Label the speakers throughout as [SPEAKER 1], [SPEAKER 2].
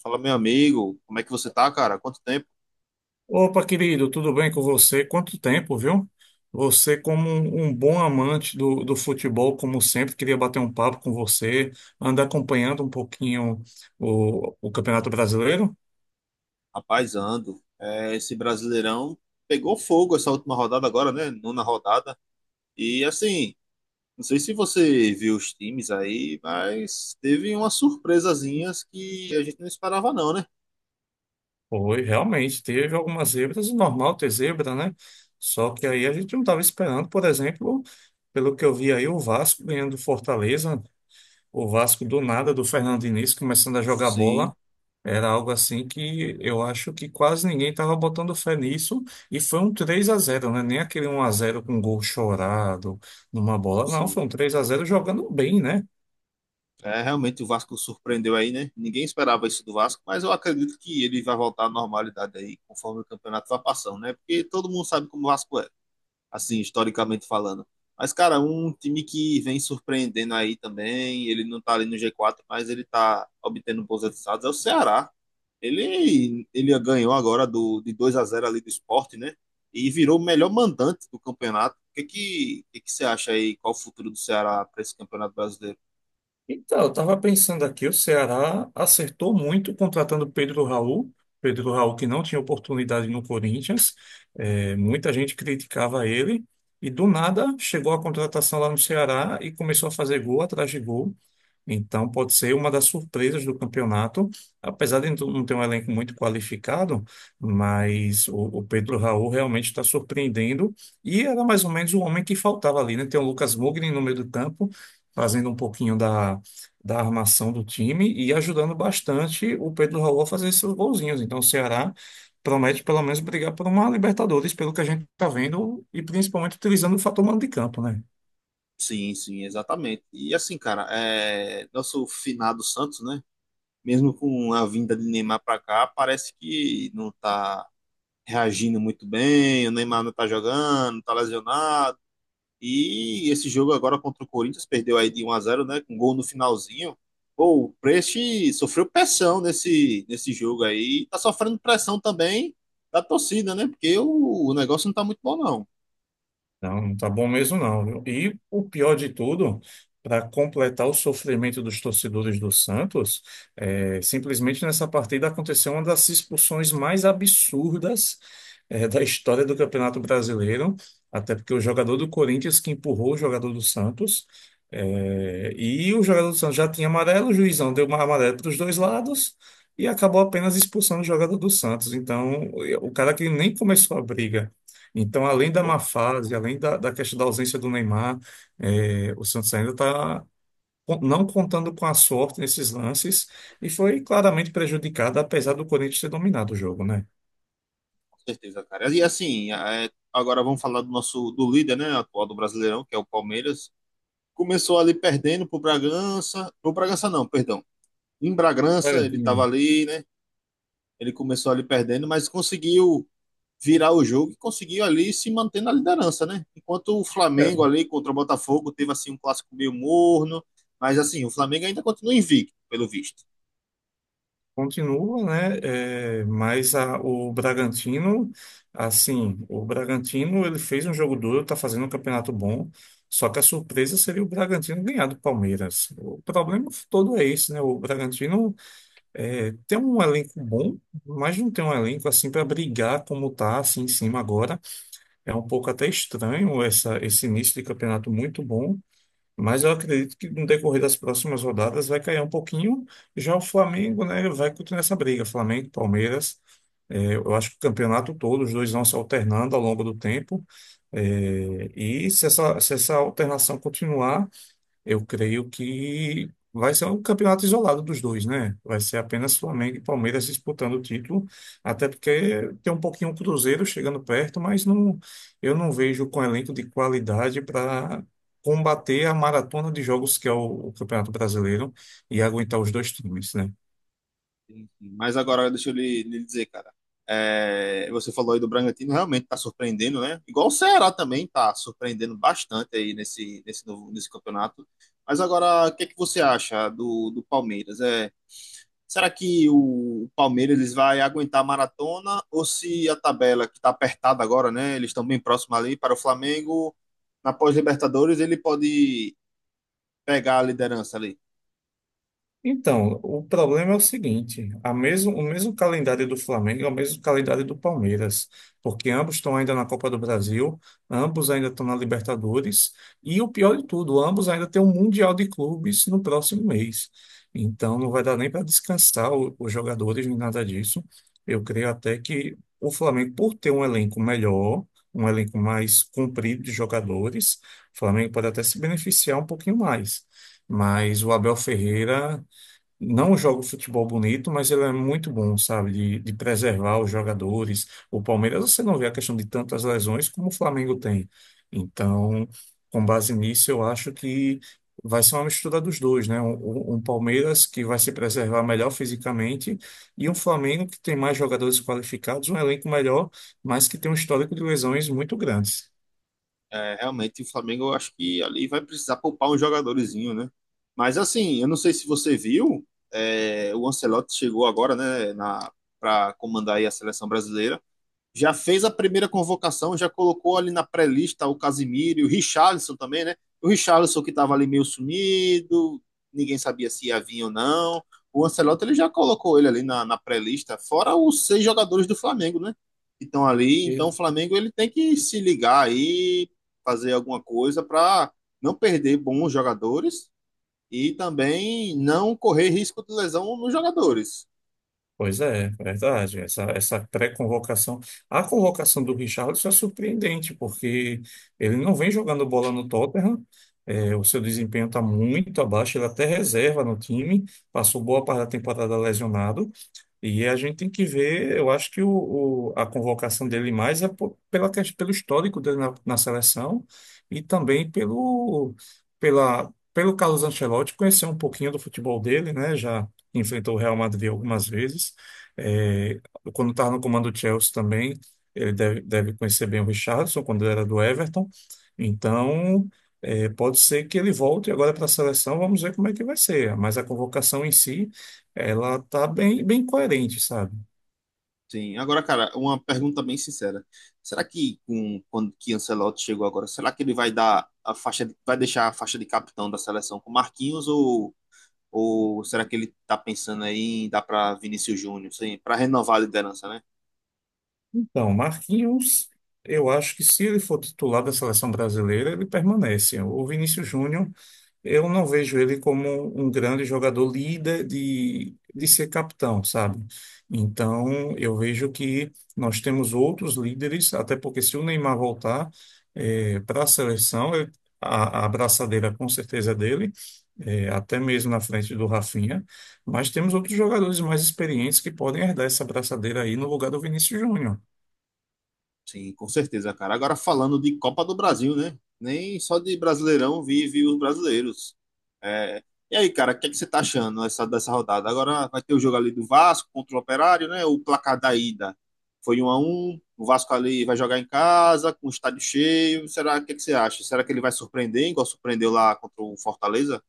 [SPEAKER 1] Fala, meu amigo, como é que você tá, cara? Quanto tempo?
[SPEAKER 2] Opa, querido, tudo bem com você? Quanto tempo, viu? Você, como um bom amante do futebol, como sempre, queria bater um papo com você, anda acompanhando um pouquinho o Campeonato Brasileiro?
[SPEAKER 1] Rapaz, ando. É, esse Brasileirão pegou fogo essa última rodada agora, né? Nona rodada. E assim, não sei se você viu os times aí, mas teve umas surpresazinhas que a gente não esperava, não, né?
[SPEAKER 2] Foi, realmente, teve algumas zebras, normal ter zebra, né? Só que aí a gente não estava esperando, por exemplo, pelo que eu vi aí, o Vasco ganhando do Fortaleza, o Vasco do nada, do Fernando Diniz, começando a jogar
[SPEAKER 1] Sim,
[SPEAKER 2] bola. Era algo assim que eu acho que quase ninguém estava botando fé nisso. E foi um 3 a zero, né? Nem aquele um a zero com gol chorado numa bola. Não, foi um
[SPEAKER 1] sim.
[SPEAKER 2] 3 a zero jogando bem, né?
[SPEAKER 1] É, realmente o Vasco surpreendeu aí, né? Ninguém esperava isso do Vasco, mas eu acredito que ele vai voltar à normalidade aí, conforme o campeonato vai passando, né? Porque todo mundo sabe como o Vasco é, assim, historicamente falando. Mas, cara, um time que vem surpreendendo aí também, ele não tá ali no G4 mas ele tá obtendo bons resultados, é o Ceará. Ele ganhou agora de 2-0 ali do Sport, né? E virou o melhor mandante do campeonato. O que que você acha aí? Qual o futuro do Ceará para esse campeonato brasileiro?
[SPEAKER 2] Então, eu estava pensando aqui, o Ceará acertou muito contratando Pedro Raul. Pedro Raul que não tinha oportunidade no Corinthians. Muita gente criticava ele. E do nada chegou a contratação lá no Ceará e começou a fazer gol atrás de gol. Então pode ser uma das surpresas do campeonato. Apesar de não ter um elenco muito qualificado, mas o Pedro Raul realmente está surpreendendo. E era mais ou menos o homem que faltava ali, né? Tem o Lucas Mugni no meio do campo fazendo um pouquinho da armação do time e ajudando bastante o Pedro Raul a fazer seus golzinhos. Então, o Ceará promete pelo menos brigar por uma Libertadores, pelo que a gente está vendo, e principalmente utilizando o fator mando de campo, né?
[SPEAKER 1] Sim, sim, exatamente. E assim, cara, é, nosso finado Santos, né? Mesmo com a vinda de Neymar para cá, parece que não tá reagindo muito bem, o Neymar não está jogando, está lesionado. E esse jogo agora contra o Corinthians perdeu aí de 1 a 0, né, com gol no finalzinho. Pô, o Preste sofreu pressão nesse jogo aí, tá sofrendo pressão também da torcida, né? Porque o negócio não tá muito bom não.
[SPEAKER 2] Não, não tá bom mesmo não, viu? E o pior de tudo, para completar o sofrimento dos torcedores do Santos, simplesmente nessa partida aconteceu uma das expulsões mais absurdas, da história do Campeonato Brasileiro, até porque o jogador do Corinthians que empurrou o jogador do Santos, é, e o jogador do Santos já tinha amarelo, o juizão deu uma amarela para os dois lados e acabou apenas expulsando o jogador do Santos. Então, o cara que nem começou a briga então, além da má
[SPEAKER 1] Pô,
[SPEAKER 2] fase, além da questão da ausência do Neymar, o Santos ainda está não contando com a sorte nesses lances e foi claramente prejudicado, apesar do Corinthians ter dominado o jogo, né?
[SPEAKER 1] com certeza, cara. E assim, é, agora vamos falar do nosso do líder, né, atual do Brasileirão, que é o Palmeiras. Começou ali perdendo pro Bragança não, perdão. Em Bragança ele tava
[SPEAKER 2] Bragantino,
[SPEAKER 1] ali, né. Ele começou ali perdendo, mas conseguiu virar o jogo e conseguiu ali se manter na liderança, né? Enquanto o
[SPEAKER 2] é,
[SPEAKER 1] Flamengo ali contra o Botafogo teve assim um clássico meio morno, mas assim, o Flamengo ainda continua invicto, pelo visto.
[SPEAKER 2] continua, né? O Bragantino, assim, o Bragantino ele fez um jogo duro, está fazendo um campeonato bom. Só que a surpresa seria o Bragantino ganhar do Palmeiras. O problema todo é esse, né? O Bragantino é, tem um elenco bom, mas não tem um elenco assim para brigar como tá assim em cima agora. É um pouco até estranho esse início de campeonato muito bom, mas eu acredito que no decorrer das próximas rodadas vai cair um pouquinho. Já o Flamengo, né, vai continuar essa briga. Flamengo, Palmeiras, é, eu acho que o campeonato todo, os dois vão se alternando ao longo do tempo. É, se essa alternação continuar. Eu creio que vai ser um campeonato isolado dos dois, né? Vai ser apenas Flamengo e Palmeiras disputando o título, até porque tem um pouquinho o Cruzeiro chegando perto, mas não, eu não vejo com elenco de qualidade para combater a maratona de jogos que é o Campeonato Brasileiro e aguentar os dois times, né?
[SPEAKER 1] Mas agora deixa eu lhe dizer, cara. É, você falou aí do Bragantino, realmente tá surpreendendo, né? Igual o Ceará também tá surpreendendo bastante aí nesse, nesse, novo, nesse campeonato. Mas agora, o que é que você acha do Palmeiras? É, será que o Palmeiras eles vai aguentar a maratona ou se a tabela que tá apertada agora, né? Eles estão bem próximos ali para o Flamengo, na pós-Libertadores, ele pode pegar a liderança ali?
[SPEAKER 2] Então, o problema é o seguinte: o mesmo calendário do Flamengo é o mesmo calendário do Palmeiras, porque ambos estão ainda na Copa do Brasil, ambos ainda estão na Libertadores, e o pior de tudo, ambos ainda têm um Mundial de Clubes no próximo mês. Então, não vai dar nem para descansar os jogadores nem nada disso. Eu creio até que o Flamengo, por ter um elenco melhor, um elenco mais comprido de jogadores, o Flamengo pode até se beneficiar um pouquinho mais. Mas o Abel Ferreira não joga o futebol bonito, mas ele é muito bom, sabe, de preservar os jogadores. O Palmeiras, você não vê a questão de tantas lesões como o Flamengo tem. Então, com base nisso, eu acho que vai ser uma mistura dos dois, né? Um Palmeiras que vai se preservar melhor fisicamente e um Flamengo que tem mais jogadores qualificados, um elenco melhor, mas que tem um histórico de lesões muito grandes.
[SPEAKER 1] É, realmente o Flamengo, eu acho que ali vai precisar poupar um jogadorzinho, né? Mas assim, eu não sei se você viu, é, o Ancelotti chegou agora, né, para comandar aí a seleção brasileira, já fez a primeira convocação, já colocou ali na pré-lista o Casimiro e o Richarlison também, né? O Richarlison que estava ali meio sumido, ninguém sabia se ia vir ou não. O Ancelotti ele já colocou ele ali na pré-lista, fora os seis jogadores do Flamengo, né? Que estão ali. Então o Flamengo ele tem que se ligar aí, fazer alguma coisa para não perder bons jogadores e também não correr risco de lesão nos jogadores.
[SPEAKER 2] Pois é, verdade. Essa pré-convocação. A convocação do Richarlison é surpreendente, porque ele não vem jogando bola no Tottenham, é, o seu desempenho está muito abaixo, ele é até reserva no time, passou boa parte da temporada lesionado, e a gente tem que ver, eu acho que a convocação dele mais é pelo histórico dele na seleção e também pelo Carlos Ancelotti conhecer um pouquinho do futebol dele, né? Já enfrentou o Real Madrid algumas vezes. É, quando estava no comando do Chelsea também, ele deve conhecer bem o Richarlison, quando ele era do Everton. Então, é, pode ser que ele volte agora para a seleção, vamos ver como é que vai ser. Mas a convocação em si. Ela tá bem coerente, sabe?
[SPEAKER 1] Sim. Agora, cara, uma pergunta bem sincera. Será que quando que Ancelotti chegou agora, será que ele vai deixar a faixa de capitão da seleção com Marquinhos, ou será que ele tá pensando aí em dar para Vinícius Júnior, sim, para renovar a liderança, né?
[SPEAKER 2] Então, Marquinhos, eu acho que se ele for titular da seleção brasileira, ele permanece. O Vinícius Júnior. Eu não vejo ele como um grande jogador líder de ser capitão, sabe? Então, eu vejo que nós temos outros líderes, até porque se o Neymar voltar para a seleção, a abraçadeira com certeza é dele, eh, até mesmo na frente do Rafinha, mas temos outros jogadores mais experientes que podem herdar essa abraçadeira aí no lugar do Vinícius Júnior.
[SPEAKER 1] Sim, com certeza, cara. Agora falando de Copa do Brasil, né? Nem só de Brasileirão vive os brasileiros. É, e aí, cara, o que é que você tá achando dessa rodada? Agora vai ter o jogo ali do Vasco contra o Operário, né? O placar da ida foi 1-1. O Vasco ali vai jogar em casa, com o estádio cheio. Será, o que é que você acha? Será que ele vai surpreender, igual surpreendeu lá contra o Fortaleza?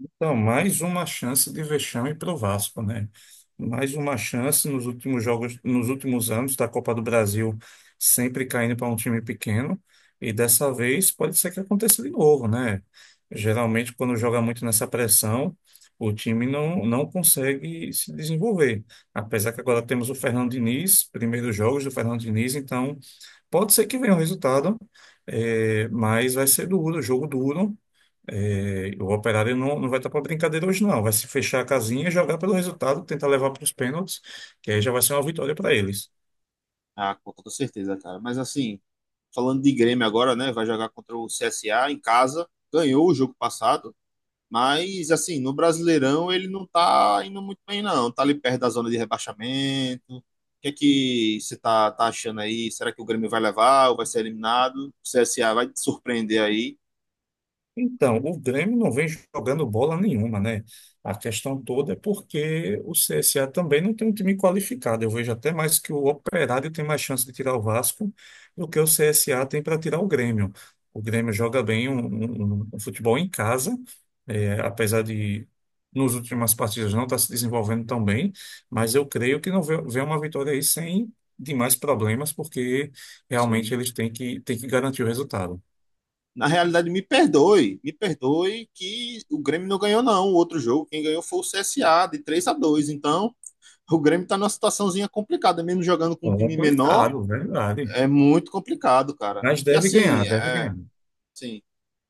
[SPEAKER 2] Então, mais uma chance de vexame para o Vasco, né? Mais uma chance nos últimos jogos, nos últimos anos da Copa do Brasil, sempre caindo para um time pequeno. E dessa vez pode ser que aconteça de novo, né? Geralmente, quando joga muito nessa pressão, o time não, não consegue se desenvolver. Apesar que agora temos o Fernando Diniz, primeiros jogos do Fernando Diniz, então pode ser que venha um resultado, mas vai ser duro, jogo duro. É, o Operário não, não vai estar para brincadeira hoje, não. Vai se fechar a casinha, jogar pelo resultado, tentar levar para os pênaltis, que aí já vai ser uma vitória para eles.
[SPEAKER 1] Ah, com toda certeza, cara. Mas assim, falando de Grêmio agora, né? Vai jogar contra o CSA em casa. Ganhou o jogo passado. Mas, assim, no Brasileirão ele não tá indo muito bem, não. Tá ali perto da zona de rebaixamento. O que é que você tá achando aí? Será que o Grêmio vai levar ou vai ser eliminado? O CSA vai te surpreender aí?
[SPEAKER 2] Então, o Grêmio não vem jogando bola nenhuma, né? A questão toda é porque o CSA também não tem um time qualificado. Eu vejo até mais que o Operário tem mais chance de tirar o Vasco do que o CSA tem para tirar o Grêmio. O Grêmio joga bem um futebol em casa, é, apesar de nos últimas partidas não estar se desenvolvendo tão bem, mas eu creio que não vê uma vitória aí sem demais problemas, porque realmente
[SPEAKER 1] Sim.
[SPEAKER 2] eles têm que garantir o resultado.
[SPEAKER 1] Na realidade, me perdoe. Me perdoe que o Grêmio não ganhou, não, o outro jogo. Quem ganhou foi o CSA, de 3-2. Então, o Grêmio tá numa situaçãozinha complicada. Mesmo jogando com um time menor,
[SPEAKER 2] Complicado, verdade.
[SPEAKER 1] é muito complicado, cara.
[SPEAKER 2] Mas
[SPEAKER 1] E
[SPEAKER 2] deve
[SPEAKER 1] assim,
[SPEAKER 2] ganhar, deve
[SPEAKER 1] é,
[SPEAKER 2] ganhar.
[SPEAKER 1] sim.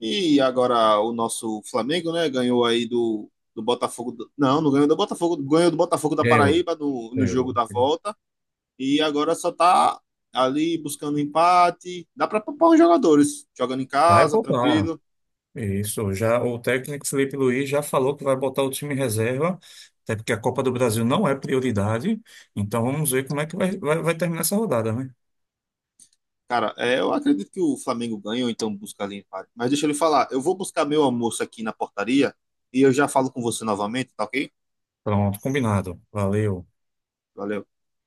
[SPEAKER 1] E agora o nosso Flamengo, né, ganhou aí do Botafogo. Não, não ganhou do Botafogo, ganhou do Botafogo da
[SPEAKER 2] Ganhou,
[SPEAKER 1] Paraíba no jogo
[SPEAKER 2] ganhou.
[SPEAKER 1] da volta. E agora só tá ali buscando empate. Dá pra poupar os jogadores, jogando em
[SPEAKER 2] Vai
[SPEAKER 1] casa,
[SPEAKER 2] poupar.
[SPEAKER 1] tranquilo.
[SPEAKER 2] Isso, já o técnico Felipe Luiz já falou que vai botar o time em reserva, até porque a Copa do Brasil não é prioridade. Então vamos ver como é que vai terminar essa rodada, né?
[SPEAKER 1] Cara, é, eu acredito que o Flamengo ganha ou então busca ali empate. Mas deixa eu lhe falar, eu vou buscar meu almoço aqui na portaria e eu já falo com você novamente, tá ok?
[SPEAKER 2] Pronto, combinado. Valeu.
[SPEAKER 1] Valeu.